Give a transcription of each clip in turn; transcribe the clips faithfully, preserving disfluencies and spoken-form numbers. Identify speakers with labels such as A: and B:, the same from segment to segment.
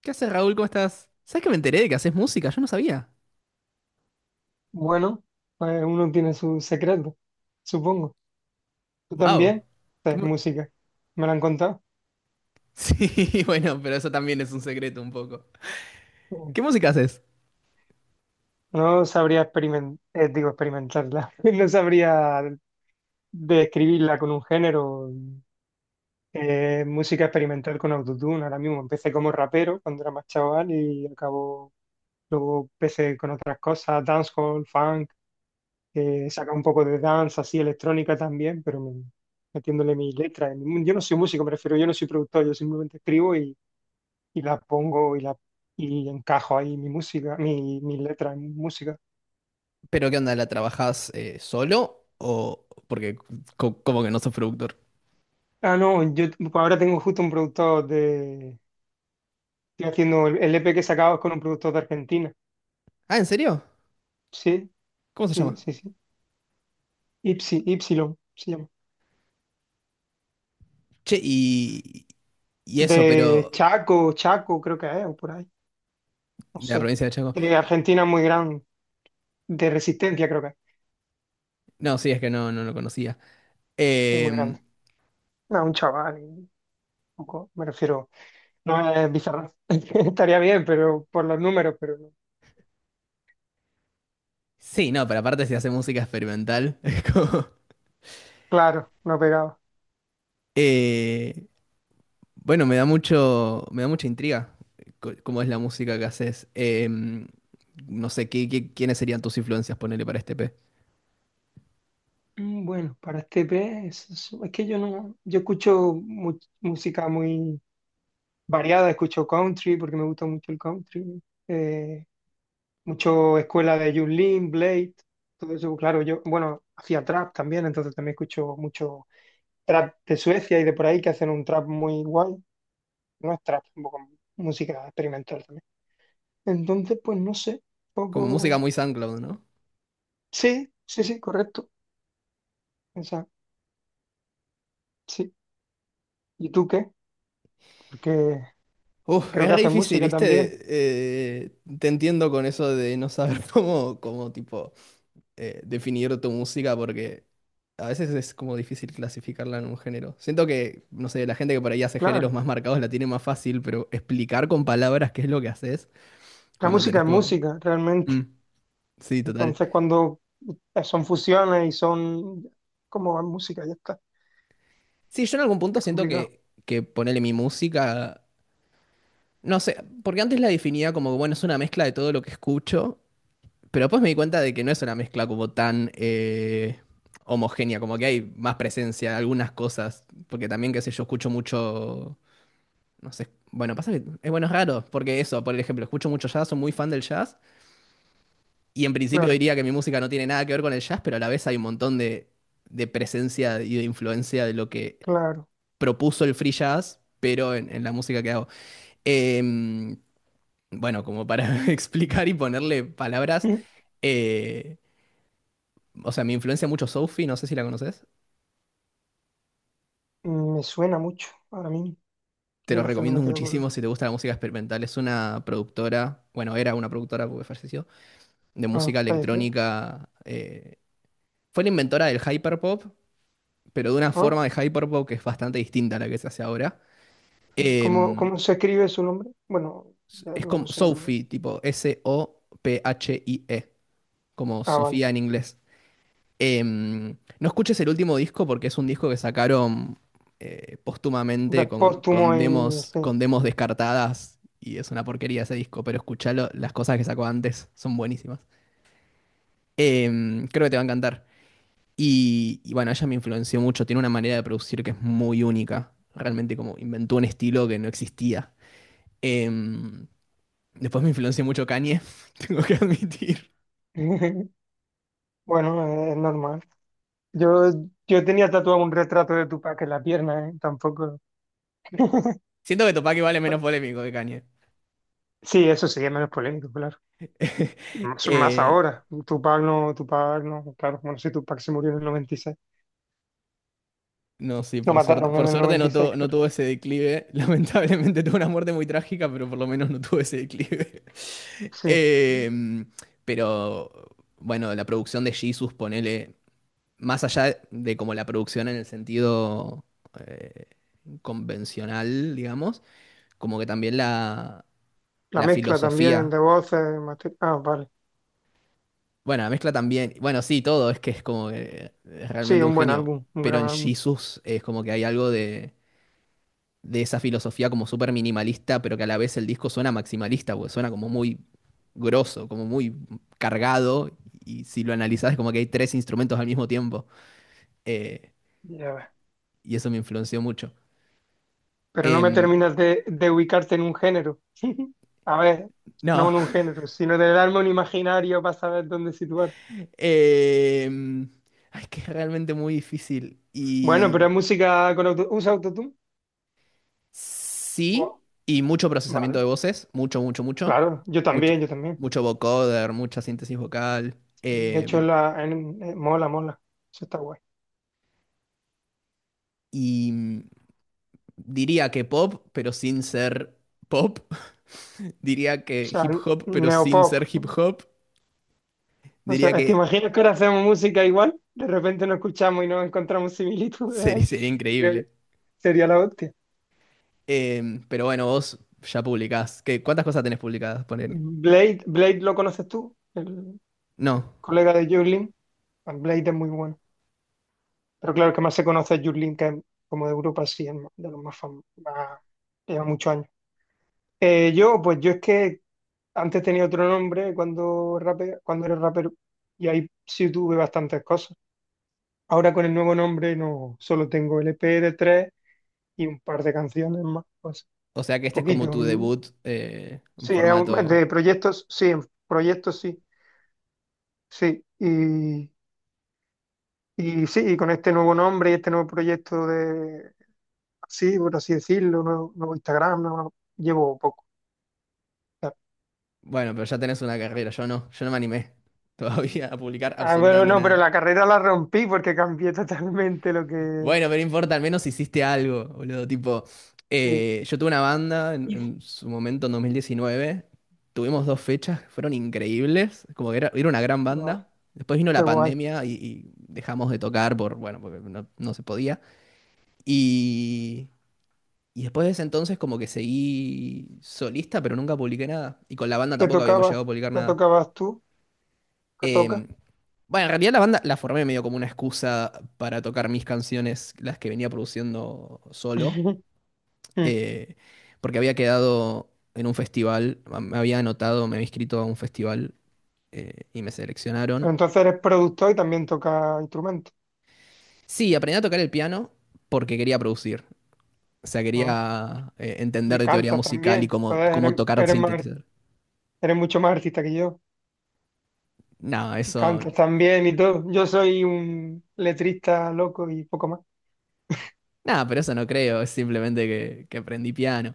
A: ¿Qué haces, Raúl? ¿Cómo estás? ¿Sabes que me enteré de que haces música? Yo no sabía.
B: Bueno, pues uno tiene su secreto, supongo. ¿Tú
A: ¡Wow!
B: también? Sí, música. ¿Me lo han contado?
A: Sí, bueno, pero eso también es un secreto un poco.
B: Mm.
A: ¿Qué música haces?
B: No sabría experimentar, digo, experimentarla. No sabría describirla con un género. Eh, música experimental con autotune. Ahora mismo empecé como rapero cuando era más chaval y acabo, luego empecé con otras cosas, dancehall, funk, eh, saca un poco de dance, así electrónica también, pero me- metiéndole mis letras. Yo no soy músico, me refiero, yo no soy productor, yo simplemente escribo y y la pongo y la y encajo ahí mi música, mi, mis letras, en música.
A: ¿Pero qué onda? ¿La trabajás eh, solo o porque co- como que no sos productor?
B: Ah, no, yo t- pues ahora tengo justo un productor de... Estoy haciendo el, el E P que he sacado es con un productor de Argentina.
A: Ah, ¿en serio?
B: Sí,
A: ¿Cómo se
B: sí,
A: llama?
B: sí, sí. Ipsi, Ypsilon se llama.
A: Che, y y eso,
B: De
A: pero
B: Chaco, Chaco creo que es, o por ahí. No
A: de la
B: sé.
A: provincia de Chaco.
B: De Argentina muy grande, de Resistencia creo que es,
A: No, sí, es que no no lo conocía.
B: es muy
A: Em,
B: grande. No, un chaval, un poco, me refiero. No es bizarro. Estaría bien, pero por los números, pero no.
A: sí, no, pero aparte si hace música experimental, es como
B: Claro, no pegaba.
A: eh, bueno, me da mucho, me da mucha intriga eh, co- cómo es la música que haces. Em, no sé, ¿qué, qué- ¿quiénes serían tus influencias, ponele para este P?
B: Mm, bueno, para este pez, es es que yo no, yo escucho mu- música muy variada, escucho country porque me gusta mucho el country, eh, mucho escuela de Yulin, Blade, todo eso, claro, yo, bueno, hacía trap también, entonces también escucho mucho trap de Suecia y de por ahí que hacen un trap muy guay, no es trap, un poco música experimental también. Entonces, pues no sé,
A: Como música
B: poco,
A: muy SoundCloud, ¿no?
B: sí, sí, sí, correcto, esa, sí. ¿Y tú qué? Porque
A: Uf,
B: creo
A: es
B: que
A: re
B: haces
A: difícil,
B: música también.
A: ¿viste? Eh, te entiendo con eso de no saber cómo, cómo tipo, eh, definir tu música, porque a veces es como difícil clasificarla en un género. Siento que, no sé, la gente que por ahí hace géneros
B: Claro,
A: más marcados la tiene más fácil, pero explicar con palabras qué es lo que haces
B: la
A: cuando
B: música
A: tenés
B: es
A: como...
B: música,
A: Mm,
B: realmente.
A: sí, total.
B: Entonces, cuando eh, son fusiones y son como música, ya está.
A: Sí, yo en algún punto
B: Es
A: siento
B: complicado.
A: que, que, ponerle mi música, no sé, porque antes la definía como, que, bueno, es una mezcla de todo lo que escucho, pero después me di cuenta de que no es una mezcla como tan eh, homogénea, como que hay más presencia, algunas cosas, porque también, qué sé yo, escucho mucho, no sé, bueno, pasa que es bueno, es raro, porque eso, por ejemplo, escucho mucho jazz, soy muy fan del jazz, y en principio
B: Claro,
A: diría que mi música no tiene nada que ver con el jazz, pero a la vez hay un montón de, de presencia y de influencia de lo que
B: claro.
A: propuso el free jazz, pero en, en la música que hago. Em, bueno, como para explicar y ponerle palabras, eh, o sea, me influencia mucho Sophie, no sé si la conoces.
B: Mm, me suena mucho ahora mismo.
A: Te
B: Yo
A: lo
B: a veces no
A: recomiendo
B: me quedo con...
A: muchísimo si te gusta la música experimental. Es una productora, bueno, era una productora porque falleció, de
B: Ah,
A: música
B: falleció.
A: electrónica. Eh, fue la inventora del hyperpop, pero de una
B: Ah,
A: forma de hyperpop que es bastante distinta a la que se hace ahora.
B: ¿cómo,
A: Em,
B: cómo se escribe su nombre? Bueno, de-
A: es como
B: luego su nombre.
A: Sophie, tipo S-O-P-H-I-E. Como
B: Ah, vale.
A: Sofía en inglés. Em, no escuches el último disco porque es un disco que sacaron eh, póstumamente con,
B: Despóstumo
A: con
B: y...
A: demos,
B: sí.
A: con demos descartadas y es una porquería ese disco, pero escuchalo, las cosas que sacó antes son buenísimas. Em, creo que te va a encantar. Y, y bueno, ella me influenció mucho, tiene una manera de producir que es muy única, realmente como inventó un estilo que no existía. Em, Después me influenció mucho Kanye, tengo que admitir.
B: Bueno, eh, es normal. Yo, yo tenía tatuado un retrato de Tupac en la pierna, ¿eh? Tampoco...
A: Siento que Tupac igual es menos polémico que Kanye.
B: Sí, eso sí, es menos polémico, claro. Más, más
A: Eh,
B: ahora. Tupac no, Tupac no, claro. Bueno, sí, Tupac se murió en el noventa y seis.
A: no, sí,
B: Lo
A: por suerte.
B: mataron
A: Por
B: en el
A: suerte
B: noventa y
A: no,
B: seis
A: tu- no
B: claro.
A: tuvo ese declive. Lamentablemente tuvo una muerte muy trágica, pero por lo menos no tuvo ese declive.
B: Sí.
A: Em, pero bueno, la producción de Jesus, ponele, más allá de como la producción en el sentido eh, convencional, digamos, como que también la,
B: La
A: la
B: mezcla también
A: filosofía.
B: de voces. mate- Ah, vale.
A: Bueno, la mezcla también. Bueno, sí, todo, es que es como que es
B: Sí,
A: realmente un
B: un buen
A: genio.
B: álbum, un
A: Pero
B: gran
A: en
B: álbum.
A: Jesus es como que hay algo de de esa filosofía como súper minimalista, pero que a la vez el disco suena maximalista, porque suena como muy grosso, como muy cargado, y si lo analizás es como que hay tres instrumentos al mismo tiempo, eh,
B: Ya ves.
A: y eso me influenció mucho.
B: Pero no me
A: Em,
B: terminas de, de ubicarte en un género. A ver, no
A: no,
B: en un género, sino de darme un imaginario para saber dónde situarte.
A: em, ay, es que es realmente muy difícil,
B: Bueno, pero
A: y
B: es música con auto... ¿Usa autotune? Wow.
A: sí, y mucho procesamiento
B: Vale,
A: de voces, mucho, mucho, mucho,
B: claro. Yo
A: mucho,
B: también, yo también.
A: mucho vocoder, mucha síntesis vocal,
B: De hecho,
A: em,
B: la, en- eh, mola, mola. Eso está guay.
A: y... Diría que pop, pero sin ser pop. Diría
B: O
A: que
B: sea,
A: hip hop, pero sin
B: neopop.
A: ser hip hop.
B: O
A: Diría
B: sea,
A: que
B: ¿te imaginas que ahora hacemos música igual? De repente nos escuchamos y no encontramos similitudes
A: sería,
B: ahí.
A: sería
B: Creo
A: increíble.
B: sería la hostia.
A: Em, pero bueno, vos ya publicás. ¿Qué, cuántas cosas tenés publicadas? Ponele.
B: Blade, Blade lo conoces tú, el
A: No.
B: colega de Jurlin. Bueno, Blade es muy bueno. Pero claro, el que más se conoce es Jurlin, que es como de Europa, sí, es más- de los más famosos. más- Lleva muchos años. Eh, yo, pues yo es que antes tenía otro nombre cuando, rape- cuando era rapero y ahí sí tuve bastantes cosas. Ahora con el nuevo nombre no, solo tengo L P de tres y un par de canciones más, pues
A: O sea que este es como
B: poquito.
A: tu
B: un-
A: debut eh, en
B: Sí, es un-
A: formato.
B: de proyectos, sí, en proyectos sí, sí. Y, y sí, y con este nuevo nombre y este nuevo proyecto de, así, por así decirlo, nuevo, nuevo Instagram, nuevo- llevo poco.
A: Bueno, pero ya tenés una carrera. Yo no. Yo no me animé todavía a publicar
B: Ah, bueno,
A: absolutamente
B: no, pero
A: nada.
B: la carrera la rompí porque cambié totalmente lo que...
A: Bueno, pero no importa, al menos hiciste algo, boludo. Tipo,
B: sí.
A: eh, yo tuve una banda en,
B: Y
A: en su momento en dos mil diecinueve. Tuvimos dos fechas que fueron increíbles. Como que era, era una gran
B: guau,
A: banda. Después vino
B: qué
A: la
B: guay.
A: pandemia y, y dejamos de tocar por, bueno, porque no, no se podía. Y, y después de ese entonces como que seguí solista, pero nunca publiqué nada. Y con la banda
B: ¿Qué
A: tampoco habíamos
B: tocabas?
A: llegado a publicar
B: ¿Qué
A: nada.
B: tocabas tú? ¿Qué tocas?
A: Em, bueno, en realidad la banda la formé medio como una excusa para tocar mis canciones, las que venía produciendo solo. eh, Porque había quedado en un festival, a- me había anotado, me había inscrito a un festival eh, y me seleccionaron.
B: Entonces eres productor y también tocas instrumentos,
A: Sí, aprendí a tocar el piano porque quería producir. O sea,
B: ¿no?
A: quería eh, entender
B: Y
A: de teoría
B: cantas
A: musical y
B: también.
A: cómo,
B: Joder,
A: cómo
B: eres,
A: tocar
B: eres más-
A: sintetizador.
B: eres mucho más artista que yo.
A: No, eso.
B: Cantas también y todo. Yo soy un letrista loco y poco más.
A: Nada, pero eso no creo, es simplemente que, que aprendí piano.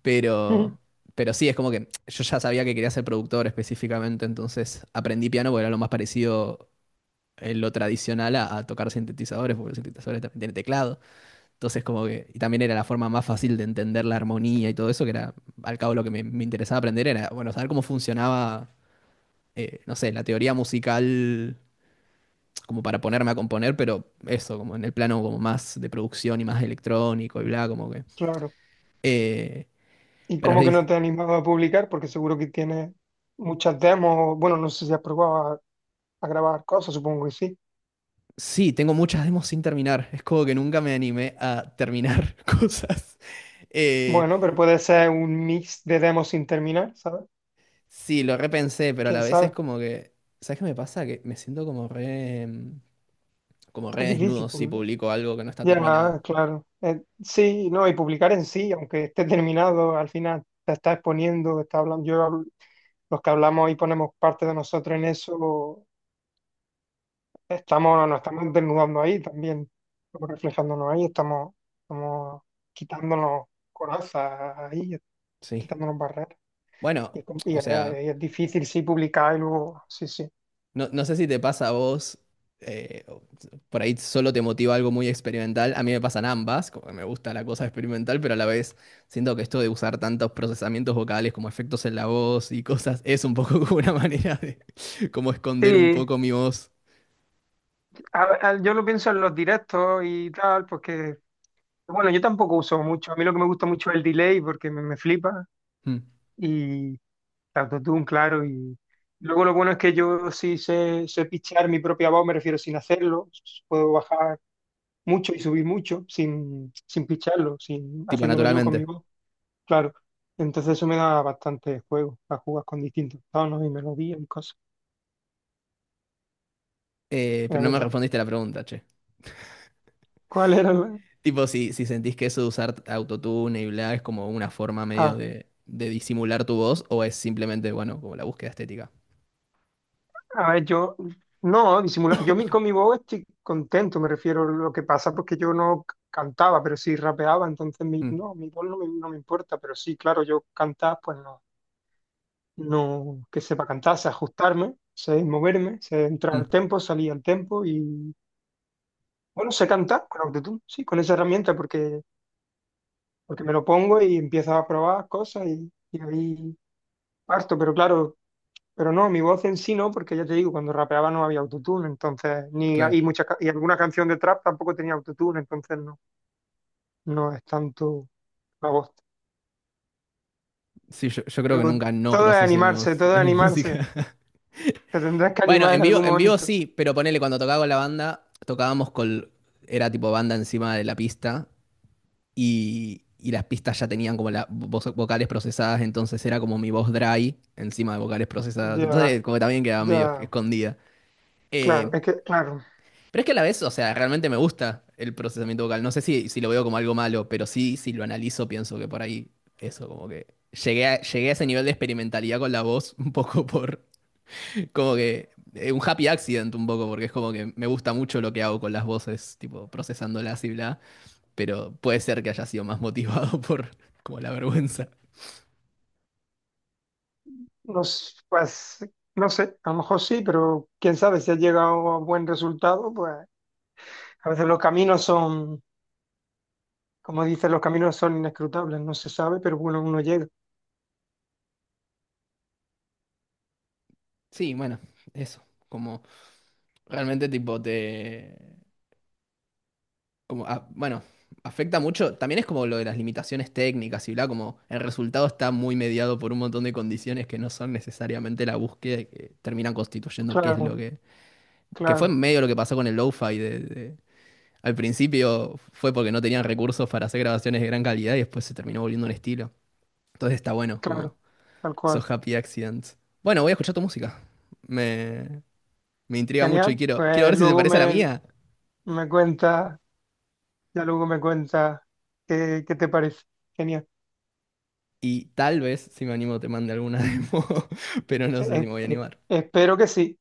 A: Pero, pero sí, es como que yo ya sabía que quería ser productor específicamente, entonces aprendí piano porque era lo más parecido en lo tradicional a, a tocar sintetizadores, porque los sintetizadores también tienen teclado. Entonces, como que, y también era la forma más fácil de entender la armonía y todo eso, que era, al cabo, lo que me, me interesaba aprender era, bueno, saber cómo funcionaba, eh, no sé, la teoría musical, como para ponerme a componer, pero eso, como en el plano como más de producción y más electrónico y bla, como que.
B: Claro.
A: eh,
B: ¿Y
A: pero
B: cómo
A: le
B: que no
A: dice,
B: te has animado a publicar? Porque seguro que tienes muchas demos. Bueno, no sé si has probado a, a grabar cosas, supongo que sí.
A: sí, tengo muchas demos sin terminar. Es como que nunca me animé a terminar cosas. Eh,
B: Bueno, pero puede ser un mix de demos sin terminar, ¿sabes?
A: Sí, lo repensé, pero a
B: ¿Quién
A: la vez es
B: sabe?
A: como que, ¿sabes qué me pasa? Que me siento como re, mm, como re
B: Es difícil,
A: desnudo si
B: porque
A: publico algo que no está
B: ya,
A: terminado.
B: claro. Eh, sí, no, y publicar en sí, aunque esté terminado, al final te está exponiendo, está hablando, yo, hablo- los que hablamos y ponemos parte de nosotros en eso, estamos, nos estamos desnudando ahí también, estamos reflejándonos ahí, estamos, estamos quitándonos corazas ahí,
A: Sí.
B: quitándonos barreras. Y es,
A: Bueno,
B: com- y
A: o
B: es-
A: sea,
B: y es difícil, sí, publicar y luego, sí, sí.
A: no, no sé si te pasa a vos, eh, o- por ahí solo te motiva algo muy experimental. A mí me pasan ambas, como que me gusta la cosa experimental, pero a la vez siento que esto de usar tantos procesamientos vocales como efectos en la voz y cosas es un poco como una manera de como esconder un
B: Sí,
A: poco mi voz,
B: a- a- yo lo pienso en los directos y tal, porque, bueno, yo tampoco uso mucho. A mí lo que me gusta mucho es el delay porque me, me flipa
A: mm,
B: y el autotune, claro. Y luego lo bueno es que yo sí sé, sé pichear mi propia voz, me refiero sin hacerlo. Puedo bajar mucho y subir mucho sin, sin picharlo, sin,
A: tipo
B: haciéndolo yo con mi
A: naturalmente.
B: voz, claro. Entonces eso me da bastante juego para jugar con distintos tonos y melodías y cosas,
A: Eh,
B: la
A: pero no me
B: verdad.
A: respondiste la pregunta, che.
B: ¿Cuál era la...?
A: Tipo, si, si, sentís que eso de usar autotune y bla es como una forma medio
B: Ah,
A: de, de disimular tu voz, o es simplemente, bueno, como la búsqueda estética.
B: a ver, yo, no, disimular, yo mi- con mi voz estoy contento, me refiero a lo que pasa, porque yo no c- cantaba, pero sí rapeaba, entonces mi,
A: Mm,
B: no, mi voz no me, no me importa, pero sí, claro, yo cantar, pues no, no que sepa cantar, sé ajustarme, sé moverme, sé entrar
A: mm,
B: al tempo, salir al tempo y, bueno, sé cantar con autotune, sí, con esa herramienta, porque, porque me lo pongo y empiezo a probar cosas y, y ahí parto, pero claro, pero no, mi voz en sí no, porque ya te digo, cuando rapeaba no había autotune, entonces, ni y
A: claro.
B: muchas ca- y alguna canción de trap tampoco tenía autotune, entonces no, no es tanto la voz.
A: Sí, yo, yo creo que
B: Pero
A: nunca no
B: todo es
A: procesé mi
B: animarse,
A: voz
B: todo es
A: en mi
B: animarse.
A: música.
B: Te tendrás que
A: Bueno,
B: animar
A: en
B: en
A: vivo,
B: algún
A: en vivo
B: momento.
A: sí, pero ponele, cuando tocaba con la banda, tocábamos con. Era tipo banda encima de la pista y, y las pistas ya tenían como las vocales procesadas, entonces era como mi voz dry encima de vocales procesadas. Entonces,
B: Ya,
A: como que también quedaba
B: ya,
A: medio escondida.
B: claro,
A: Eh,
B: es que, claro,
A: Pero es que a la vez, o sea, realmente me gusta el procesamiento vocal. No sé si, si, lo veo como algo malo, pero sí, si lo analizo, pienso que por ahí eso, como que llegué a, llegué a ese nivel de experimentalidad con la voz, un poco por, como que, eh, un happy accident, un poco, porque es como que me gusta mucho lo que hago con las voces, tipo, procesándolas y bla, pero puede ser que haya sido más motivado por, como la vergüenza.
B: no, s- pues, no sé, a lo mejor sí, pero quién sabe si has llegado a buen resultado, pues a veces los caminos son, como dicen, los caminos son inescrutables, no se sabe, pero bueno, uno llega.
A: Sí, bueno, eso, como realmente tipo te... Como, ah, bueno, afecta mucho. También es como lo de las limitaciones técnicas y bla, como el resultado está muy mediado por un montón de condiciones que no son necesariamente la búsqueda y que terminan constituyendo qué es lo
B: Claro,
A: que. Que fue
B: claro.
A: medio lo que pasó con el lo-fi. De, de- al principio fue porque no tenían recursos para hacer grabaciones de gran calidad y después se terminó volviendo un estilo. Entonces está bueno, como
B: Claro, tal cual.
A: esos happy accidents. Bueno, voy a escuchar tu música. Me, me intriga mucho y
B: Genial.
A: quiero, quiero
B: Pues
A: ver si se
B: luego
A: parece a la
B: me,
A: mía.
B: me cuenta, ya luego me cuenta qué, qué te parece. Genial.
A: Y tal vez, si me animo, te mande alguna demo, pero no
B: Eh,
A: sé si
B: eh,
A: me voy a
B: eh,
A: animar.
B: espero que sí,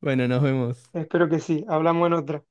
A: Bueno, nos vemos.
B: espero que sí. Hablamos en otra.